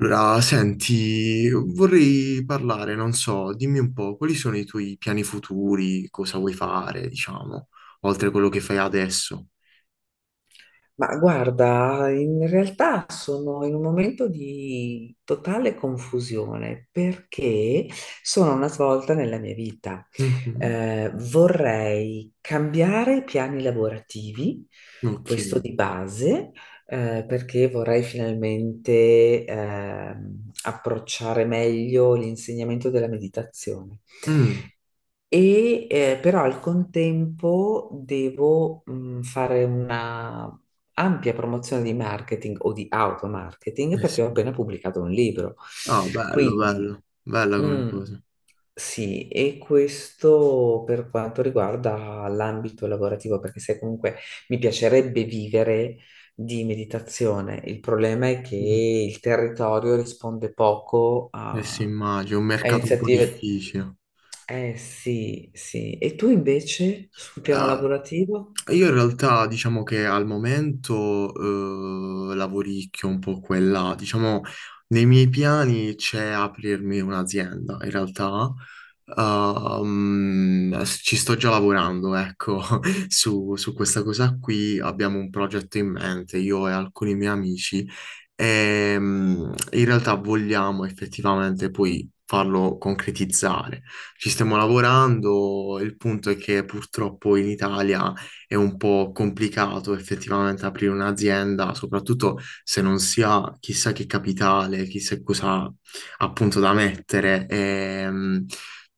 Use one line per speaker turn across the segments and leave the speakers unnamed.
Allora, senti, vorrei parlare, non so, dimmi un po', quali sono i tuoi piani futuri, cosa vuoi fare, diciamo, oltre a quello che fai adesso?
Ma guarda, in realtà sono in un momento di totale confusione perché sono a una svolta nella mia vita.
Mhm.
Vorrei cambiare i piani lavorativi, questo
Ok.
di base, perché vorrei finalmente approcciare meglio l'insegnamento della meditazione.
Mm.
E però al contempo devo fare una ampia promozione di marketing o di automarketing
Eh
perché ho
sì.
appena pubblicato un libro.
Ah, bello,
Quindi,
bello, bella come
mm,
cosa.
sì, e questo per quanto riguarda l'ambito lavorativo, perché se comunque mi piacerebbe vivere di meditazione, il problema è che
Mm.
il territorio risponde poco
Eh sì, immagino, un
a
mercato un po'
iniziative.
difficile.
Eh sì, sì. E tu invece sul piano
Ah,
lavorativo?
io in realtà diciamo che al momento lavoricchio un po' quella, diciamo nei miei piani c'è aprirmi un'azienda, in realtà ci sto già lavorando, ecco, su questa cosa qui abbiamo un progetto in mente, io e alcuni miei amici, e in realtà vogliamo effettivamente poi farlo concretizzare. Ci stiamo lavorando, il punto è che purtroppo in Italia è un po' complicato effettivamente aprire un'azienda, soprattutto se non si ha chissà che capitale, chissà cosa appunto da mettere.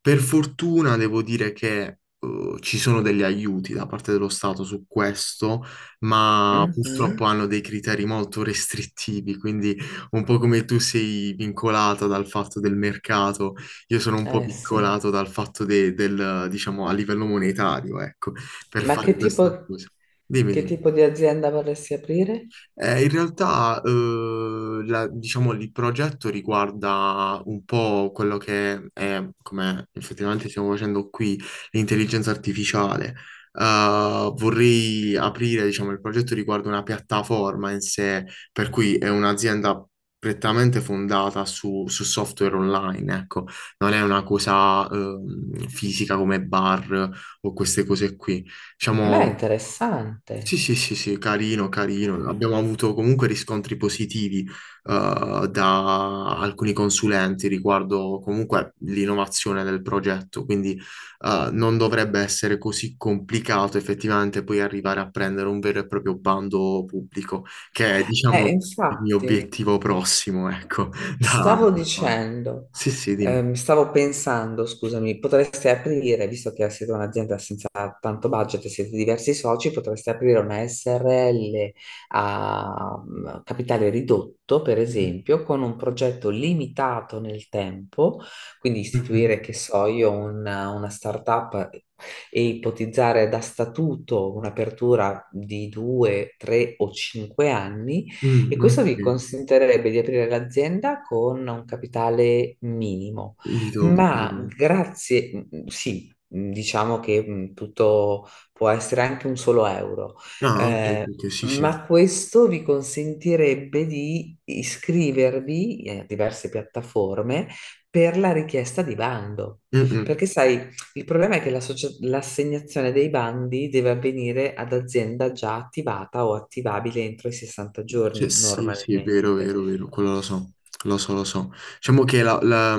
Per fortuna devo dire che ci sono degli aiuti da parte dello Stato su questo, ma purtroppo
Mhm.
hanno dei criteri molto restrittivi, quindi un po' come tu sei vincolata dal fatto del mercato, io sono un po'
Eh sì.
vincolato dal fatto del, diciamo, a livello monetario, ecco per
Ma
fare questa cosa. Dimmi,
che
dimmi.
tipo di azienda vorresti aprire?
In realtà, diciamo, il progetto riguarda un po' quello che è, come effettivamente stiamo facendo qui, l'intelligenza artificiale. Vorrei aprire, diciamo, il progetto riguarda una piattaforma in sé, per cui è un'azienda prettamente fondata su software online, ecco, non è una cosa, fisica come bar o queste cose qui. Diciamo,
Beh,
sì,
interessante.
sì, sì, sì, carino, carino. Abbiamo avuto comunque riscontri positivi da alcuni consulenti riguardo comunque l'innovazione del progetto, quindi non dovrebbe essere così complicato effettivamente poi arrivare a prendere un vero e proprio bando pubblico, che è, diciamo, il mio
Infatti.
obiettivo prossimo, ecco. da-
Stavo
da-
dicendo,
Sì, sì, dimmi.
Stavo pensando, scusami, potreste aprire, visto che siete un'azienda senza tanto budget, e siete diversi soci, potreste aprire una SRL a capitale ridotto, per
Mm,
esempio, con un progetto limitato nel tempo, quindi
mhm.
istituire, che so io, una startup e ipotizzare da statuto un'apertura di due, tre o cinque anni, e
Mm,
questo vi
ok.
consentirebbe di aprire l'azienda con un capitale minimo,
Di dotto.
ma grazie, sì, diciamo che tutto può essere anche un solo euro.
Ah, ok,
eh,
ok, sì, sì.
ma questo vi consentirebbe di iscrivervi a diverse piattaforme per la richiesta di bando.
Mm, mm.
Perché sai, il problema è che l'assegnazione dei bandi deve avvenire ad azienda già attivata o attivabile entro i 60
Cioè,
giorni
sì, sì, è vero,
normalmente.
vero, vero, quello lo so, lo so, lo so. Diciamo che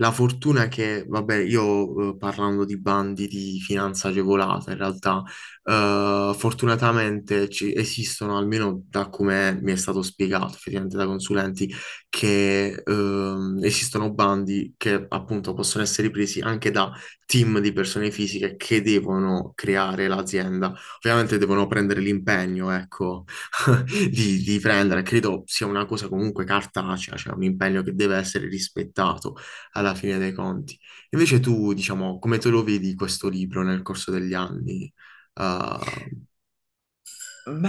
la fortuna è che, vabbè, io parlando di bandi di finanza agevolata, in realtà, fortunatamente esistono, almeno da come mi è stato spiegato, effettivamente da consulenti, che esistono bandi che appunto possono essere presi anche da team di persone fisiche che devono creare l'azienda. Ovviamente devono prendere l'impegno, ecco di prendere. Credo sia una cosa comunque cartacea, cioè un impegno che deve essere rispettato alla fine dei conti. Invece tu, diciamo, come te lo vedi questo libro nel corso degli anni? Uh,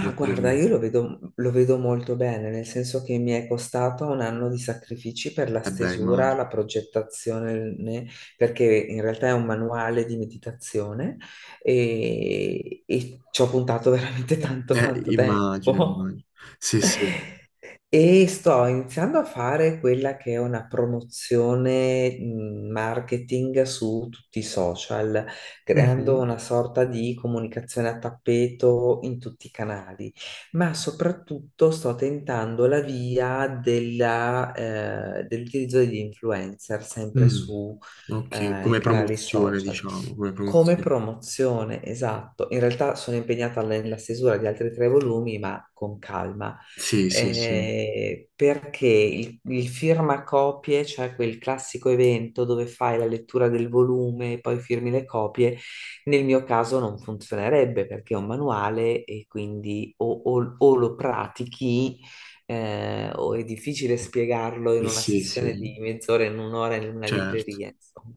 come te lo
guarda,
vedi?
io lo vedo molto bene, nel senso che mi è costato un anno di sacrifici per la
Eh beh,
stesura,
immagino.
la progettazione, perché in realtà è un manuale di meditazione e ci ho puntato veramente tanto, tanto
Immagino,
tempo.
immagino. Sì, sì.
E sto iniziando a fare quella che è una promozione marketing su tutti i social, creando
Mhm.
una sorta di comunicazione a tappeto in tutti i canali, ma soprattutto sto tentando la via dell'utilizzo degli influencer sempre
Mm.
su,
Ok,
i
come
canali
promozione,
social.
diciamo, come
Come
promozione.
promozione, esatto. In realtà sono impegnata nella stesura di altri tre volumi, ma con calma.
Sì, sì, sì.
Perché il firmacopie, cioè quel classico evento dove fai la lettura del volume e poi firmi le copie, nel mio caso non funzionerebbe perché è un manuale, e quindi o lo pratichi o è difficile spiegarlo in una
Sì,
sessione
sì,
di mezz'ora, in un'ora in una
certo.
libreria, insomma.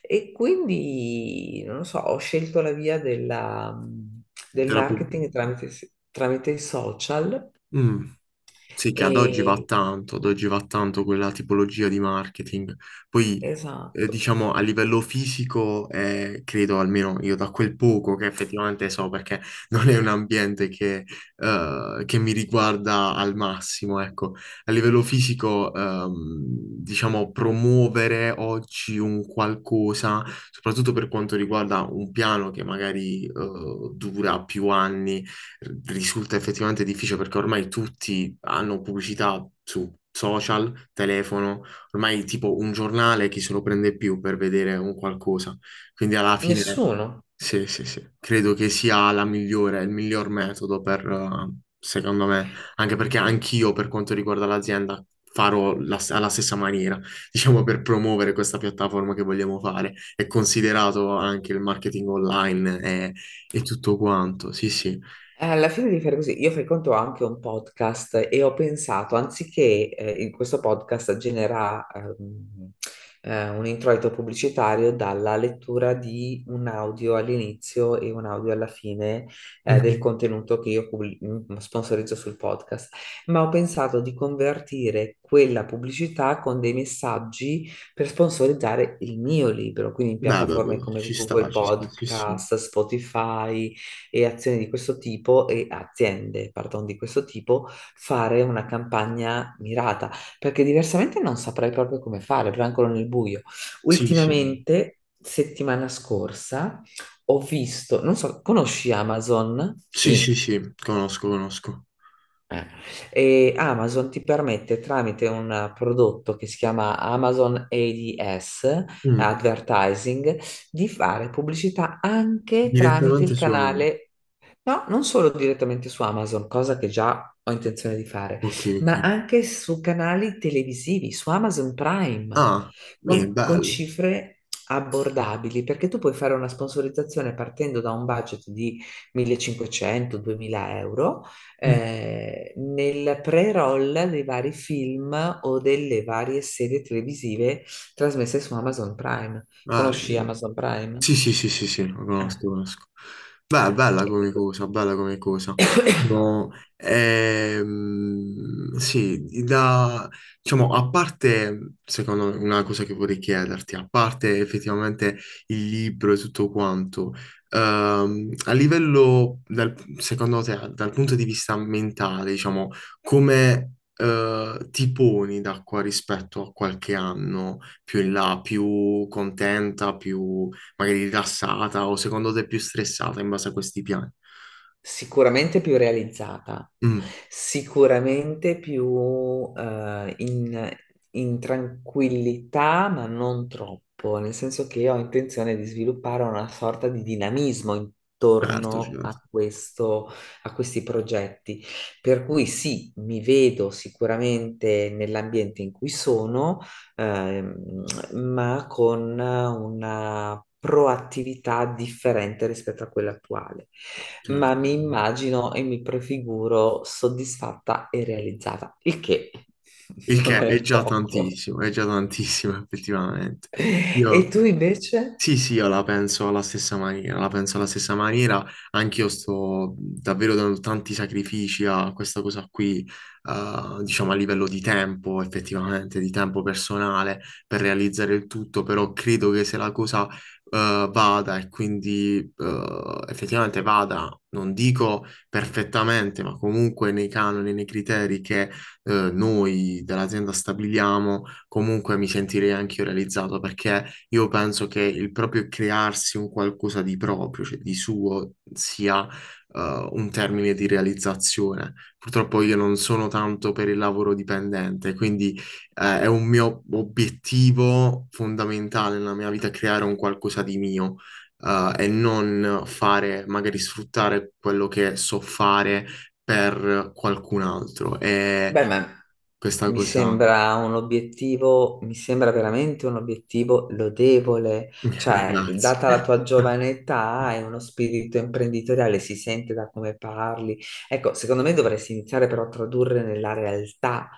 E quindi, non lo so, ho scelto la via del
Te la pu-
marketing tramite, i social
Mm. Sì, che ad oggi va
e
tanto, ad oggi va tanto quella tipologia di marketing. Poi
esatto,
diciamo, a livello fisico, credo almeno io da quel poco che effettivamente so, perché non è un ambiente che mi riguarda al massimo, ecco. A livello fisico, diciamo, promuovere oggi un qualcosa, soprattutto per quanto riguarda un piano che magari, dura più anni, risulta effettivamente difficile perché ormai tutti hanno pubblicità su social, telefono. Ormai tipo un giornale chi se lo prende più per vedere un qualcosa. Quindi alla fine,
nessuno.
sì, sì, sì, credo che sia la migliore, il miglior metodo per, secondo me, anche perché anch'io per quanto riguarda l'azienda alla stessa maniera, diciamo per promuovere questa piattaforma che vogliamo fare. È considerato anche il marketing online e tutto quanto, sì, sì.
Alla fine di fare così, io frequento anche un podcast e ho pensato, anziché in questo podcast generare un introito pubblicitario dalla lettura di un audio all'inizio e un audio alla fine, del
Mhm.
contenuto che io sponsorizzo sul podcast, ma ho pensato di convertire quella pubblicità con dei messaggi per sponsorizzare il mio libro, quindi in
Beh, beh,
piattaforme
beh,
come Google
ci sta, sì, sì.
Podcast, Spotify e azioni di questo tipo e aziende, pardon, di questo tipo, fare una campagna mirata, perché diversamente non saprei proprio come fare, proprio ancora nel buio.
Sì, sì,
Ultimamente, settimana scorsa, ho visto, non so, conosci Amazon?
sì, sì,
Sì.
sì, conosco, conosco.
Eh, E Amazon ti permette, tramite un prodotto che si chiama Amazon ADS,
Mm.
Advertising, di fare pubblicità anche tramite
Direttamente
il
su...
canale. No, non solo direttamente su Amazon, cosa che già ho intenzione di fare,
Ok, ok.
ma anche su canali televisivi, su Amazon Prime,
Ah, beh,
con,
bello.
cifre abbordabili, perché tu puoi fare una sponsorizzazione partendo da un budget di 1.500-2.000 euro
Mm,
nel pre-roll dei vari film o delle varie serie televisive trasmesse su Amazon Prime. Conosci
bello.
Amazon Prime?
Sì, sì, sì, sì, sì, lo conosco, lo conosco. Beh, bella
Eh.
come cosa, bella come cosa. No, sì, da, diciamo, a parte, secondo me, una cosa che vorrei chiederti, a parte effettivamente il libro e tutto quanto, a livello, secondo te, dal punto di vista mentale, diciamo, come, ti poni da qua rispetto a qualche anno più in là, più contenta, più magari rilassata o secondo te più stressata in base a questi piani.
Sicuramente più realizzata,
Mm,
sicuramente più in tranquillità, ma non troppo, nel senso che io ho intenzione di sviluppare una sorta di dinamismo
certo,
intorno
certo,
a questo, a questi progetti. Per cui sì, mi vedo sicuramente nell'ambiente in cui sono, ehm, ma con una proattività differente rispetto a quella attuale. Ma
certo.
mi immagino e mi prefiguro soddisfatta e realizzata, il che
Il
non
che
è poco.
è già tantissimo effettivamente.
E
Io
tu invece?
sì, sì, io la penso alla stessa maniera, la penso alla stessa maniera, anch'io sto davvero dando tanti sacrifici a questa cosa qui, diciamo a livello di tempo, effettivamente, di tempo personale per realizzare il tutto, però credo che se la cosa, vada e quindi, effettivamente vada, non dico perfettamente, ma comunque nei canoni, nei criteri che, noi dell'azienda stabiliamo, comunque mi sentirei anch'io realizzato perché io penso che il proprio crearsi un qualcosa di proprio, cioè di suo, sia un termine di realizzazione. Purtroppo io non sono tanto per il lavoro dipendente, quindi è un mio obiettivo fondamentale nella mia vita creare un qualcosa di mio. Eh, e non fare, magari sfruttare quello che so fare per qualcun altro. E
Beh,
questa
mi
cosa,
sembra un obiettivo, mi sembra veramente un obiettivo lodevole, cioè,
grazie.
data la tua giovane età e uno spirito imprenditoriale, si sente da come parli. Ecco, secondo me dovresti iniziare però a tradurre nella realtà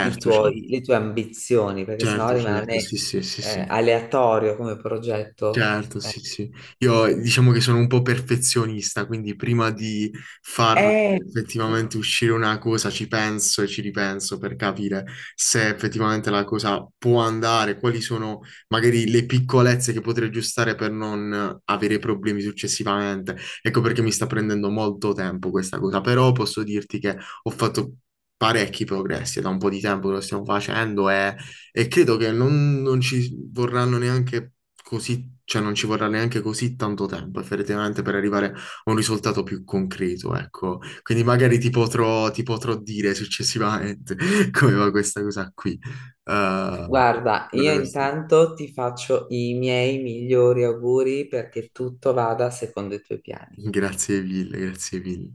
certo.
le tue ambizioni, perché sennò
Certo, certo,
rimane
sì, sì, sì, sì.
aleatorio come progetto.
Certo,
Eh,
sì, sì. Io diciamo che sono un po' perfezionista, quindi prima di far
eh, mm,
effettivamente uscire una cosa ci penso e ci ripenso per capire se effettivamente la cosa può andare, quali sono magari le piccolezze che potrei aggiustare per non avere problemi successivamente. Ecco perché mi sta prendendo molto tempo questa cosa, però posso dirti che ho fatto parecchi progressi, è da un po' di tempo che lo stiamo facendo e... E credo che non ci vorranno neanche così cioè non ci vorrà neanche così tanto tempo effettivamente per arrivare a un risultato più concreto, ecco. Quindi magari ti potrò dire successivamente come va questa cosa qui. Eh,
Guarda,
guarda
io
questo.
intanto ti faccio i miei migliori auguri perché tutto vada secondo i tuoi piani.
Grazie mille, grazie mille.